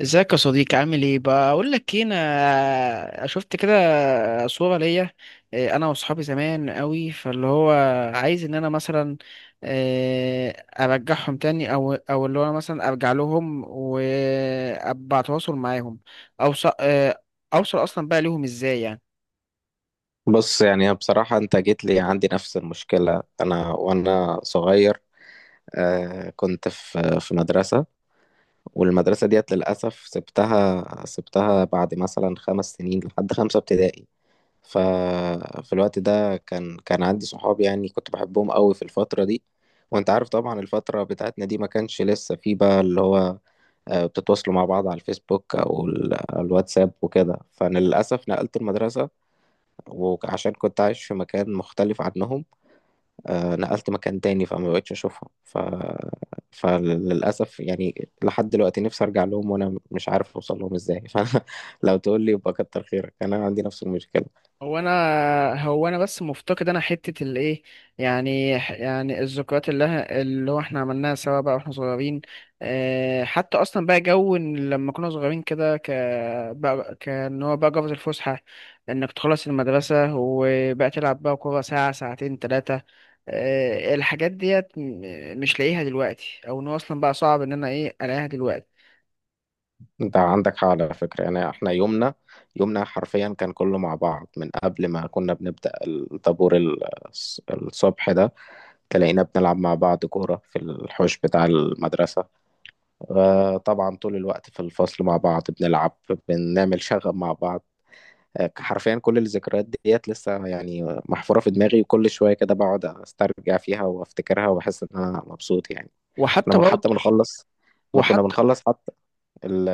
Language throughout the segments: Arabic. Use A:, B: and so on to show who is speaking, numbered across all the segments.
A: ازيك يا صديقي؟ عامل ايه؟ بقول لك ايه، انا شفت كده صورة ليا. انا واصحابي زمان قوي فاللي هو عايز ان انا مثلا، إيه، ارجعهم تاني او اللي هو انا مثلا ارجع لهم وابقى اتواصل معاهم. اوصل اوصل اصلا بقى ليهم ازاي يعني؟
B: بص، يعني بصراحة أنت جيت لي، عندي نفس المشكلة أنا وأنا صغير. كنت في مدرسة، والمدرسة ديت للأسف سبتها بعد مثلا خمس سنين، لحد خمسة ابتدائي. ففي الوقت ده كان عندي صحاب، يعني كنت بحبهم قوي في الفترة دي. وأنت عارف طبعا الفترة بتاعتنا دي ما كانش لسه في بقى اللي هو بتتواصلوا مع بعض على الفيسبوك أو الواتساب وكده. فأنا للأسف نقلت المدرسة، وعشان كنت عايش في مكان مختلف عنهم، نقلت مكان تاني، فما بقتش اشوفهم فللاسف يعني لحد دلوقتي نفسي ارجع لهم وانا مش عارف اوصل لهم ازاي. فلو تقول لي يبقى كتر خيرك، انا عندي نفس المشكله.
A: هو انا هو انا بس مفتقد انا حته الايه؟ يعني يعني الذكريات اللي هو احنا عملناها سوا بقى واحنا صغيرين. حتى اصلا بقى جو إن لما كنا صغيرين كده بقى كان هو بقى جوز الفسحه، انك تخلص المدرسه وبقى تلعب بقى كوره ساعه ساعتين ثلاثه. الحاجات ديت مش لاقيها دلوقتي، او ان هو اصلا بقى صعب ان انا ايه الاقيها دلوقتي.
B: انت عندك حق على فكره. يعني احنا يومنا، يومنا حرفيا كان كله مع بعض. من قبل ما كنا بنبدا الطابور الصبح ده تلاقينا بنلعب مع بعض كوره في الحوش بتاع المدرسه. طبعا طول الوقت في الفصل مع بعض بنلعب، بنعمل شغب مع بعض. حرفيا كل الذكريات ديت لسه يعني محفورة في دماغي، وكل شوية كده بقعد استرجع فيها وافتكرها وبحس ان انا مبسوط يعني. كنا
A: وحتى
B: بن- حتى
A: برضه
B: بنخلص ما كنا
A: وحتى
B: بنخلص حتى ال-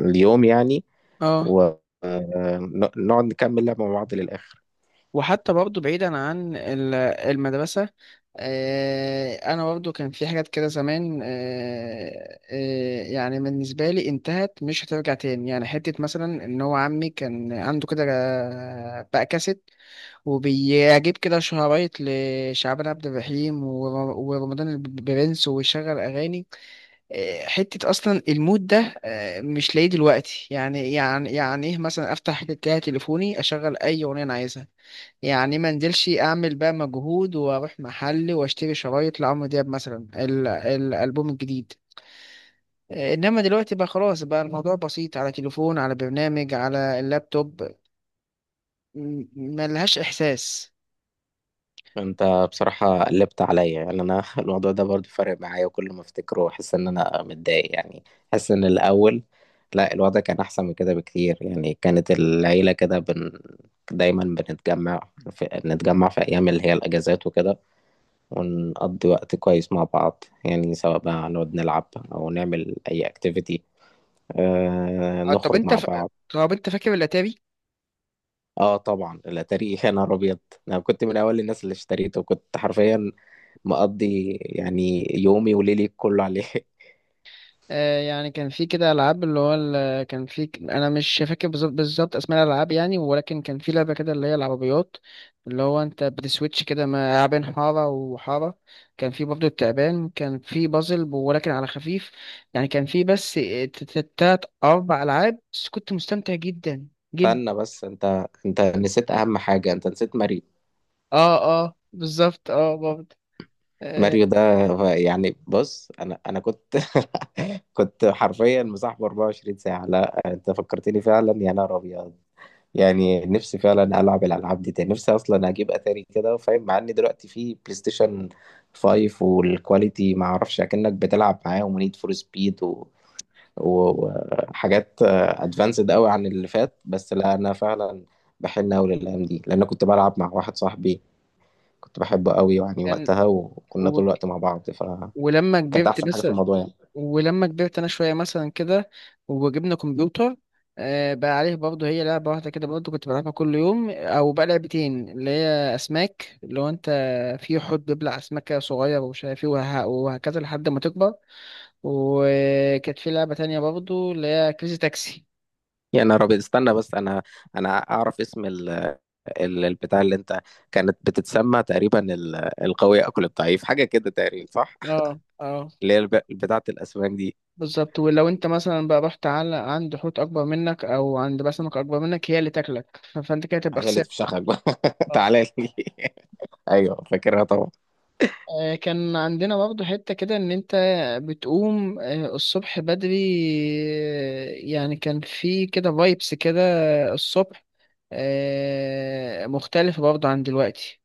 B: اليوم يعني،
A: اه
B: ونقعد نكمل لعبة مع بعض للآخر.
A: وحتى برضه بعيدا عن المدرسة. أنا برضه كان في حاجات كده زمان، يعني بالنسبة لي انتهت مش هترجع تاني، يعني حتة مثلا إن هو عمي كان عنده كده بقى كاسيت، وبيجيب كده شرايط لشعبان عبد الرحيم ورمضان البرنس ويشغل أغاني. حتة أصلا المود ده مش لاقيه دلوقتي، يعني إيه مثلا أفتح كده تليفوني أشغل أي أغنية أنا عايزها. يعني ما انزلش اعمل بقى مجهود واروح محل واشتري شرايط لعمرو دياب مثلا الالبوم الجديد. انما دلوقتي بقى خلاص، بقى الموضوع بسيط على تليفون، على برنامج، على اللابتوب. ملهاش احساس.
B: انت بصراحة قلبت عليا، يعني الموضوع ده برضو فارق معايا، وكل ما افتكره احس ان انا متضايق يعني. احس ان الاول، لا، الوضع كان احسن من كده بكتير. يعني كانت العيلة كده دايما بنتجمع نتجمع في ايام اللي هي الاجازات وكده، ونقضي وقت كويس مع بعض يعني، سواء بقى نقعد نلعب او نعمل اي اكتيفيتي،
A: آه، طب
B: نخرج
A: انت
B: مع
A: ف...
B: بعض.
A: طب انت فاكر الاتاري؟
B: اه طبعا الاتاري، يا نهار ابيض! انا كنت من اول الناس اللي اشتريته، وكنت حرفيا مقضي يعني يومي وليلي كله عليه.
A: يعني كان في كده العاب اللي هو كان في انا مش فاكر بالظبط بالظبط اسماء الالعاب يعني، ولكن كان في لعبه كده اللي هي العربيات، اللي هو انت بتسويتش كده ما بين حاره وحاره. كان في برضه التعبان، كان في بازل ولكن على خفيف. يعني كان في بس تلات اربع العاب، بس كنت مستمتع جدا جدا.
B: استنى بس، انت نسيت اهم حاجة، انت نسيت ماريو.
A: اه، اه، بالظبط، اه، برضه. آه،
B: ماريو ده، يعني بص، انا كنت كنت حرفيا مصاحبه 24 ساعة. لا انت فكرتني فعلا، يا نهار ابيض! يعني نفسي فعلا العب الالعاب دي تاني. نفسي اصلا اجيب اتاري كده فاهم، مع ان دلوقتي في بلاي ستيشن 5 والكواليتي ما اعرفش اكنك بتلعب معاهم، ونيد فور سبيد وحاجات ادفانسد قوي عن اللي فات. بس لا، انا فعلا بحن قوي للايام دي، لان أنا كنت بلعب مع واحد صاحبي كنت بحبه قوي يعني
A: كان
B: وقتها، وكنا
A: و...
B: طول الوقت مع بعض،
A: ولما
B: فكانت
A: كبرت
B: احسن حاجه
A: بس
B: في الموضوع يعني.
A: ولما كبرت انا شويه مثلا كده، وجبنا كمبيوتر. بقى عليه برضه هي لعبه واحده كده برضه كنت بلعبها كل يوم، او بقى لعبتين اللي هي اسماك، اللي هو انت في حوت بيبلع اسماك كده صغير ومش عارف ايه وهكذا لحد ما تكبر. وكانت في لعبه تانية برضه اللي هي كريزي تاكسي.
B: يعني انا رابط، استنى بس، انا انا اعرف اسم البتاع اللي انت، كانت بتتسمى تقريبا القوي اكل الضعيف، حاجه كده تقريبا، صح؟
A: اه، اه،
B: اللي هي بتاعه الاسماك دي.
A: بالظبط. ولو انت مثلا بقى رحت على عند حوت اكبر منك او عند بقى سمك اكبر منك، هي اللي تاكلك فانت كده تبقى
B: هي اللي
A: خسرت.
B: تفشخك بقى. تعالى لي. ايوه فاكرها طبعا.
A: كان عندنا برضه حتة كده إن أنت بتقوم الصبح بدري. يعني كان في كده فايبس كده الصبح، مختلفة برضه عن دلوقتي.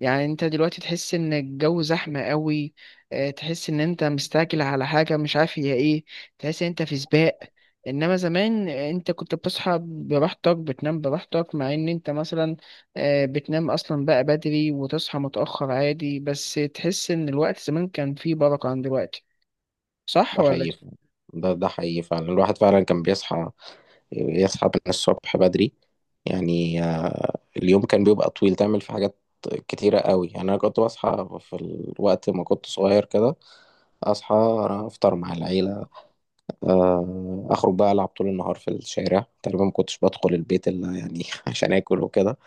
A: يعني انت دلوقتي تحس ان الجو زحمة قوي. اه، تحس ان انت مستعجل على حاجة مش عارف هي ايه. تحس ان انت في سباق. انما زمان انت كنت بتصحى براحتك، بتنام براحتك، مع ان انت مثلا اه، بتنام اصلا بقى بدري وتصحى متأخر عادي، بس تحس ان الوقت زمان كان فيه بركة عن دلوقتي. صح
B: ده
A: ولا؟
B: حقيقي فعلا. ده حقيقي فعلا، الواحد فعلا كان بيصحى، يصحى من الصبح بدري. يعني اليوم كان بيبقى طويل، تعمل فيه حاجات كتيرة قوي يعني. أنا كنت بصحى في الوقت ما كنت صغير كده، أصحى، أفطر مع العيلة، أخرج بقى ألعب طول النهار في الشارع، تقريبا ما كنتش بدخل البيت إلا يعني عشان آكل وكده.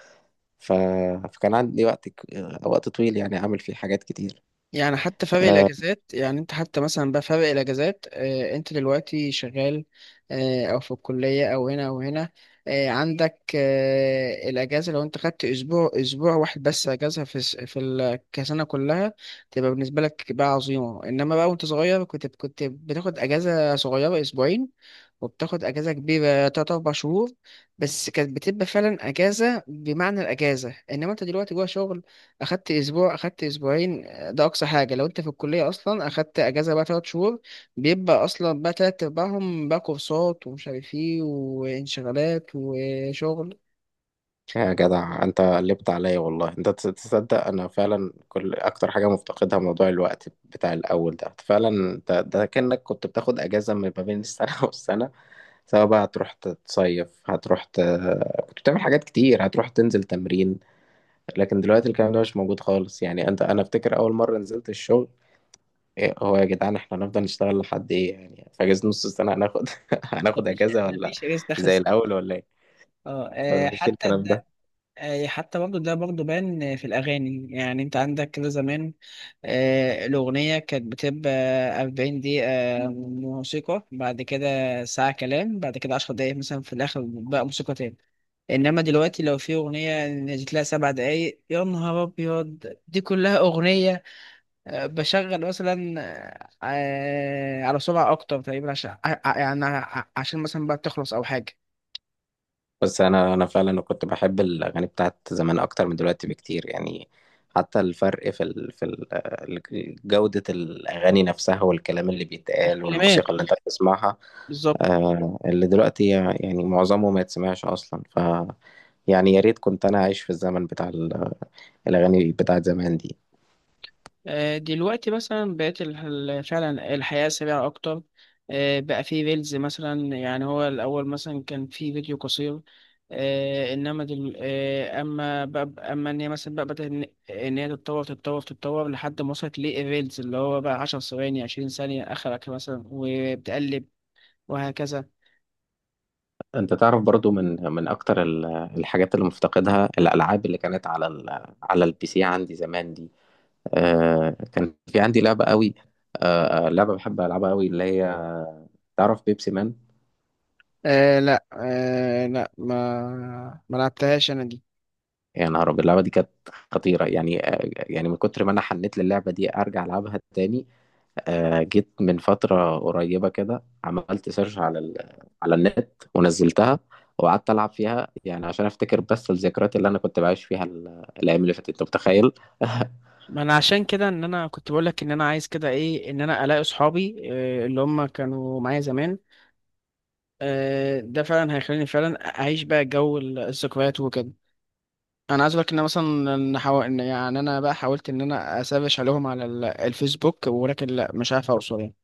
B: ف... فكان عندي وقت وقت طويل يعني أعمل فيه حاجات كتير.
A: يعني حتى فرق
B: آه،
A: الاجازات، يعني انت حتى مثلا بقى فرق الاجازات، انت دلوقتي شغال اه او في الكليه او هنا او هنا. اه عندك الاجازه، لو انت خدت اسبوع واحد بس اجازه في كسنه كلها، تبقى بالنسبه لك بقى عظيمه. انما بقى وانت صغير كنت بتاخد اجازه صغيره اسبوعين، وبتاخد اجازه كبيره تلات اربع شهور. بس كانت بتبقى فعلا اجازه بمعنى الاجازه، انما انت دلوقتي جوه شغل، اخدت اسبوع، اخدت اسبوعين، ده اقصى حاجه. لو انت في الكليه اصلا اخدت اجازه بقى تلات شهور، بيبقى اصلا بقى تلات ارباعهم بقى كورسات ومش عارف ايه وانشغالات وشغل.
B: يا جدع انت قلبت عليا والله! انت تصدق انا فعلا كل اكتر حاجه مفتقدها موضوع الوقت بتاع الاول ده. فعلا انت ده كانك كنت بتاخد اجازه ما بين السنه والسنه، سواء بقى هتروح تصيف، كنت بتعمل حاجات كتير، هتروح تنزل تمرين. لكن دلوقتي الكلام ده مش موجود خالص. يعني انا افتكر اول مره نزلت الشغل، إيه هو يا جدعان؟ احنا هنفضل نشتغل لحد ايه يعني؟ في اجازه نص السنه هناخد هناخد
A: مفيش
B: اجازه ولا
A: مفيش ريس دخل.
B: زي الاول ولا ايه؟
A: اه.
B: مفيش الكلام ده.
A: حتى برضه ده برضه بان في الأغاني. يعني أنت عندك كده زمان، الأغنية كانت بتبقى أربعين دقيقة موسيقى، بعد كده ساعة كلام، بعد كده عشر دقايق مثلا في الآخر بقى موسيقى تاني. إنما دلوقتي لو في أغنية نزلت لها سبع دقايق، يا نهار أبيض، دي كلها أغنية. بشغل مثلا على سرعة أكتر تقريبا، عشان يعني عشان مثلا بقى تخلص أو حاجة.
B: بس انا انا فعلا كنت بحب الاغاني بتاعت زمان اكتر من دلوقتي بكتير يعني. حتى الفرق في جودة الاغاني نفسها، والكلام اللي بيتقال،
A: الكلمات،
B: والموسيقى اللي
A: آه،
B: انت بتسمعها.
A: بالظبط.
B: آه، اللي دلوقتي يعني معظمه ما يتسمعش اصلا. ف يعني يا ريت كنت انا عايش في الزمن بتاع الاغاني بتاعت زمان دي.
A: دلوقتي مثلا بقت فعلا الحياة سريعة أكتر. بقى في ريلز مثلا، يعني هو الأول مثلا كان في فيديو قصير. آه، إنما دل... آه، أما بقى إن هي مثلا بقى بدأت إن هي تتطور تتطور تتطور لحد ما وصلت للريلز، اللي هو بقى عشر ثواني عشرين ثانية آخرك مثلا وبتقلب وهكذا.
B: انت تعرف برضو، من اكتر الحاجات اللي مفتقدها، الالعاب اللي كانت على على البي سي عندي زمان دي. آه كان في عندي لعبة قوي، لعبة بحب ألعبها قوي، اللي هي تعرف بيبسي مان؟
A: آه لا، آه لا، ما لعبتهاش أنا.
B: يا نهار أبيض، اللعبة دي كانت خطيرة يعني. آه، يعني من كتر ما أنا حنيت للعبة دي أرجع ألعبها تاني، آه جيت من فترة قريبة كده، عملت سيرش على على النت ونزلتها، وقعدت ألعب فيها يعني عشان أفتكر بس الذكريات اللي أنا كنت بعيش فيها الأيام اللي فاتت. أنت متخيل؟
A: ما انا عشان كده ان انا كنت بقول لك، ان انا عايز كده ايه، ان انا الاقي اصحابي اللي هم كانوا معايا زمان. ده فعلا هيخليني فعلا اعيش بقى جو الذكريات وكده. انا عايز اقول لك ان أنا مثلا إن حاو... إن يعني انا بقى حاولت ان انا اسافش عليهم على الفيسبوك، ولكن لا مش عارف اوصل يعني.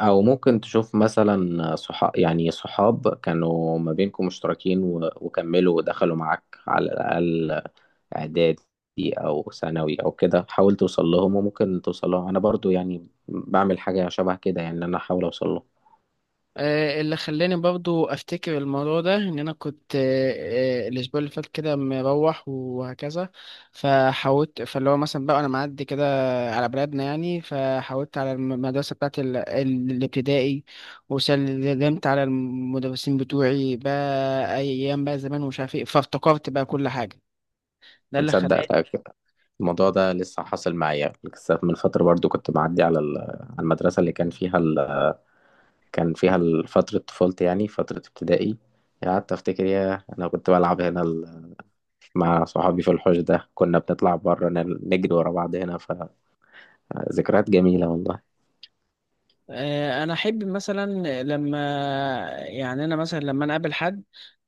B: او ممكن تشوف مثلا صحاب، يعني صحاب كانوا ما بينكم مشتركين وكملوا ودخلوا معاك على الاقل اعدادي او ثانوي او كده، حاول توصل لهم وممكن توصل لهم. انا برضو يعني بعمل حاجه شبه كده، يعني ان انا احاول اوصل لهم.
A: اللي خلاني برضو افتكر الموضوع ده ان انا كنت، الاسبوع اللي فات كده مروح وهكذا، فحاولت، فاللي هو مثلا بقى انا معدي كده على بلدنا يعني، فحاولت على المدرسه بتاعت الابتدائي، وسلمت على المدرسين بتوعي بقى ايام بقى زمان ومش عارف ايه، فافتكرت بقى كل حاجه. ده اللي
B: متصدق،
A: خلاني.
B: لا، الموضوع ده لسه حاصل معايا. لسه من فتره برضو كنت معدي على على المدرسه اللي كان فيها كان فيها فتره طفولتي، يعني فتره ابتدائي. قعدت افتكر، يا انا كنت بلعب هنا مع صحابي في الحوش ده، كنا بنطلع بره نجري ورا بعض هنا. فذكريات جميلة والله.
A: انا احب مثلا، لما يعني انا مثلا لما انا اقابل حد،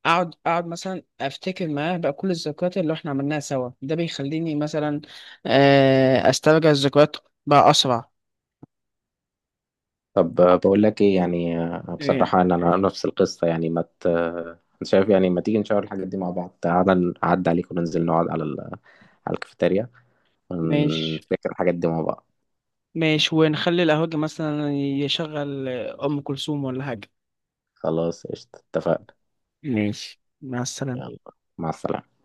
A: اقعد مثلا افتكر معاه بقى كل الذكريات اللي احنا عملناها سوا، ده بيخليني مثلا استرجع الذكريات بقى اسرع.
B: طب بقول لك ايه، يعني
A: آه،
B: بصراحة انا، أنا نفس القصة يعني. ما ت... آه، أنت شايف يعني، ما تيجي نشاور الحاجات دي مع بعض؟ تعالى اعدي عليك وننزل نقعد على على الكافيتيريا،
A: ماشي.
B: ونفتكر الحاجات دي مع بعض.
A: ماشي، ونخلي القهوجي مثلا يشغل ام كلثوم ولا حاجه.
B: خلاص قشطة، اتفقنا.
A: ماشي، مع السلامه.
B: يلا، مع السلامة.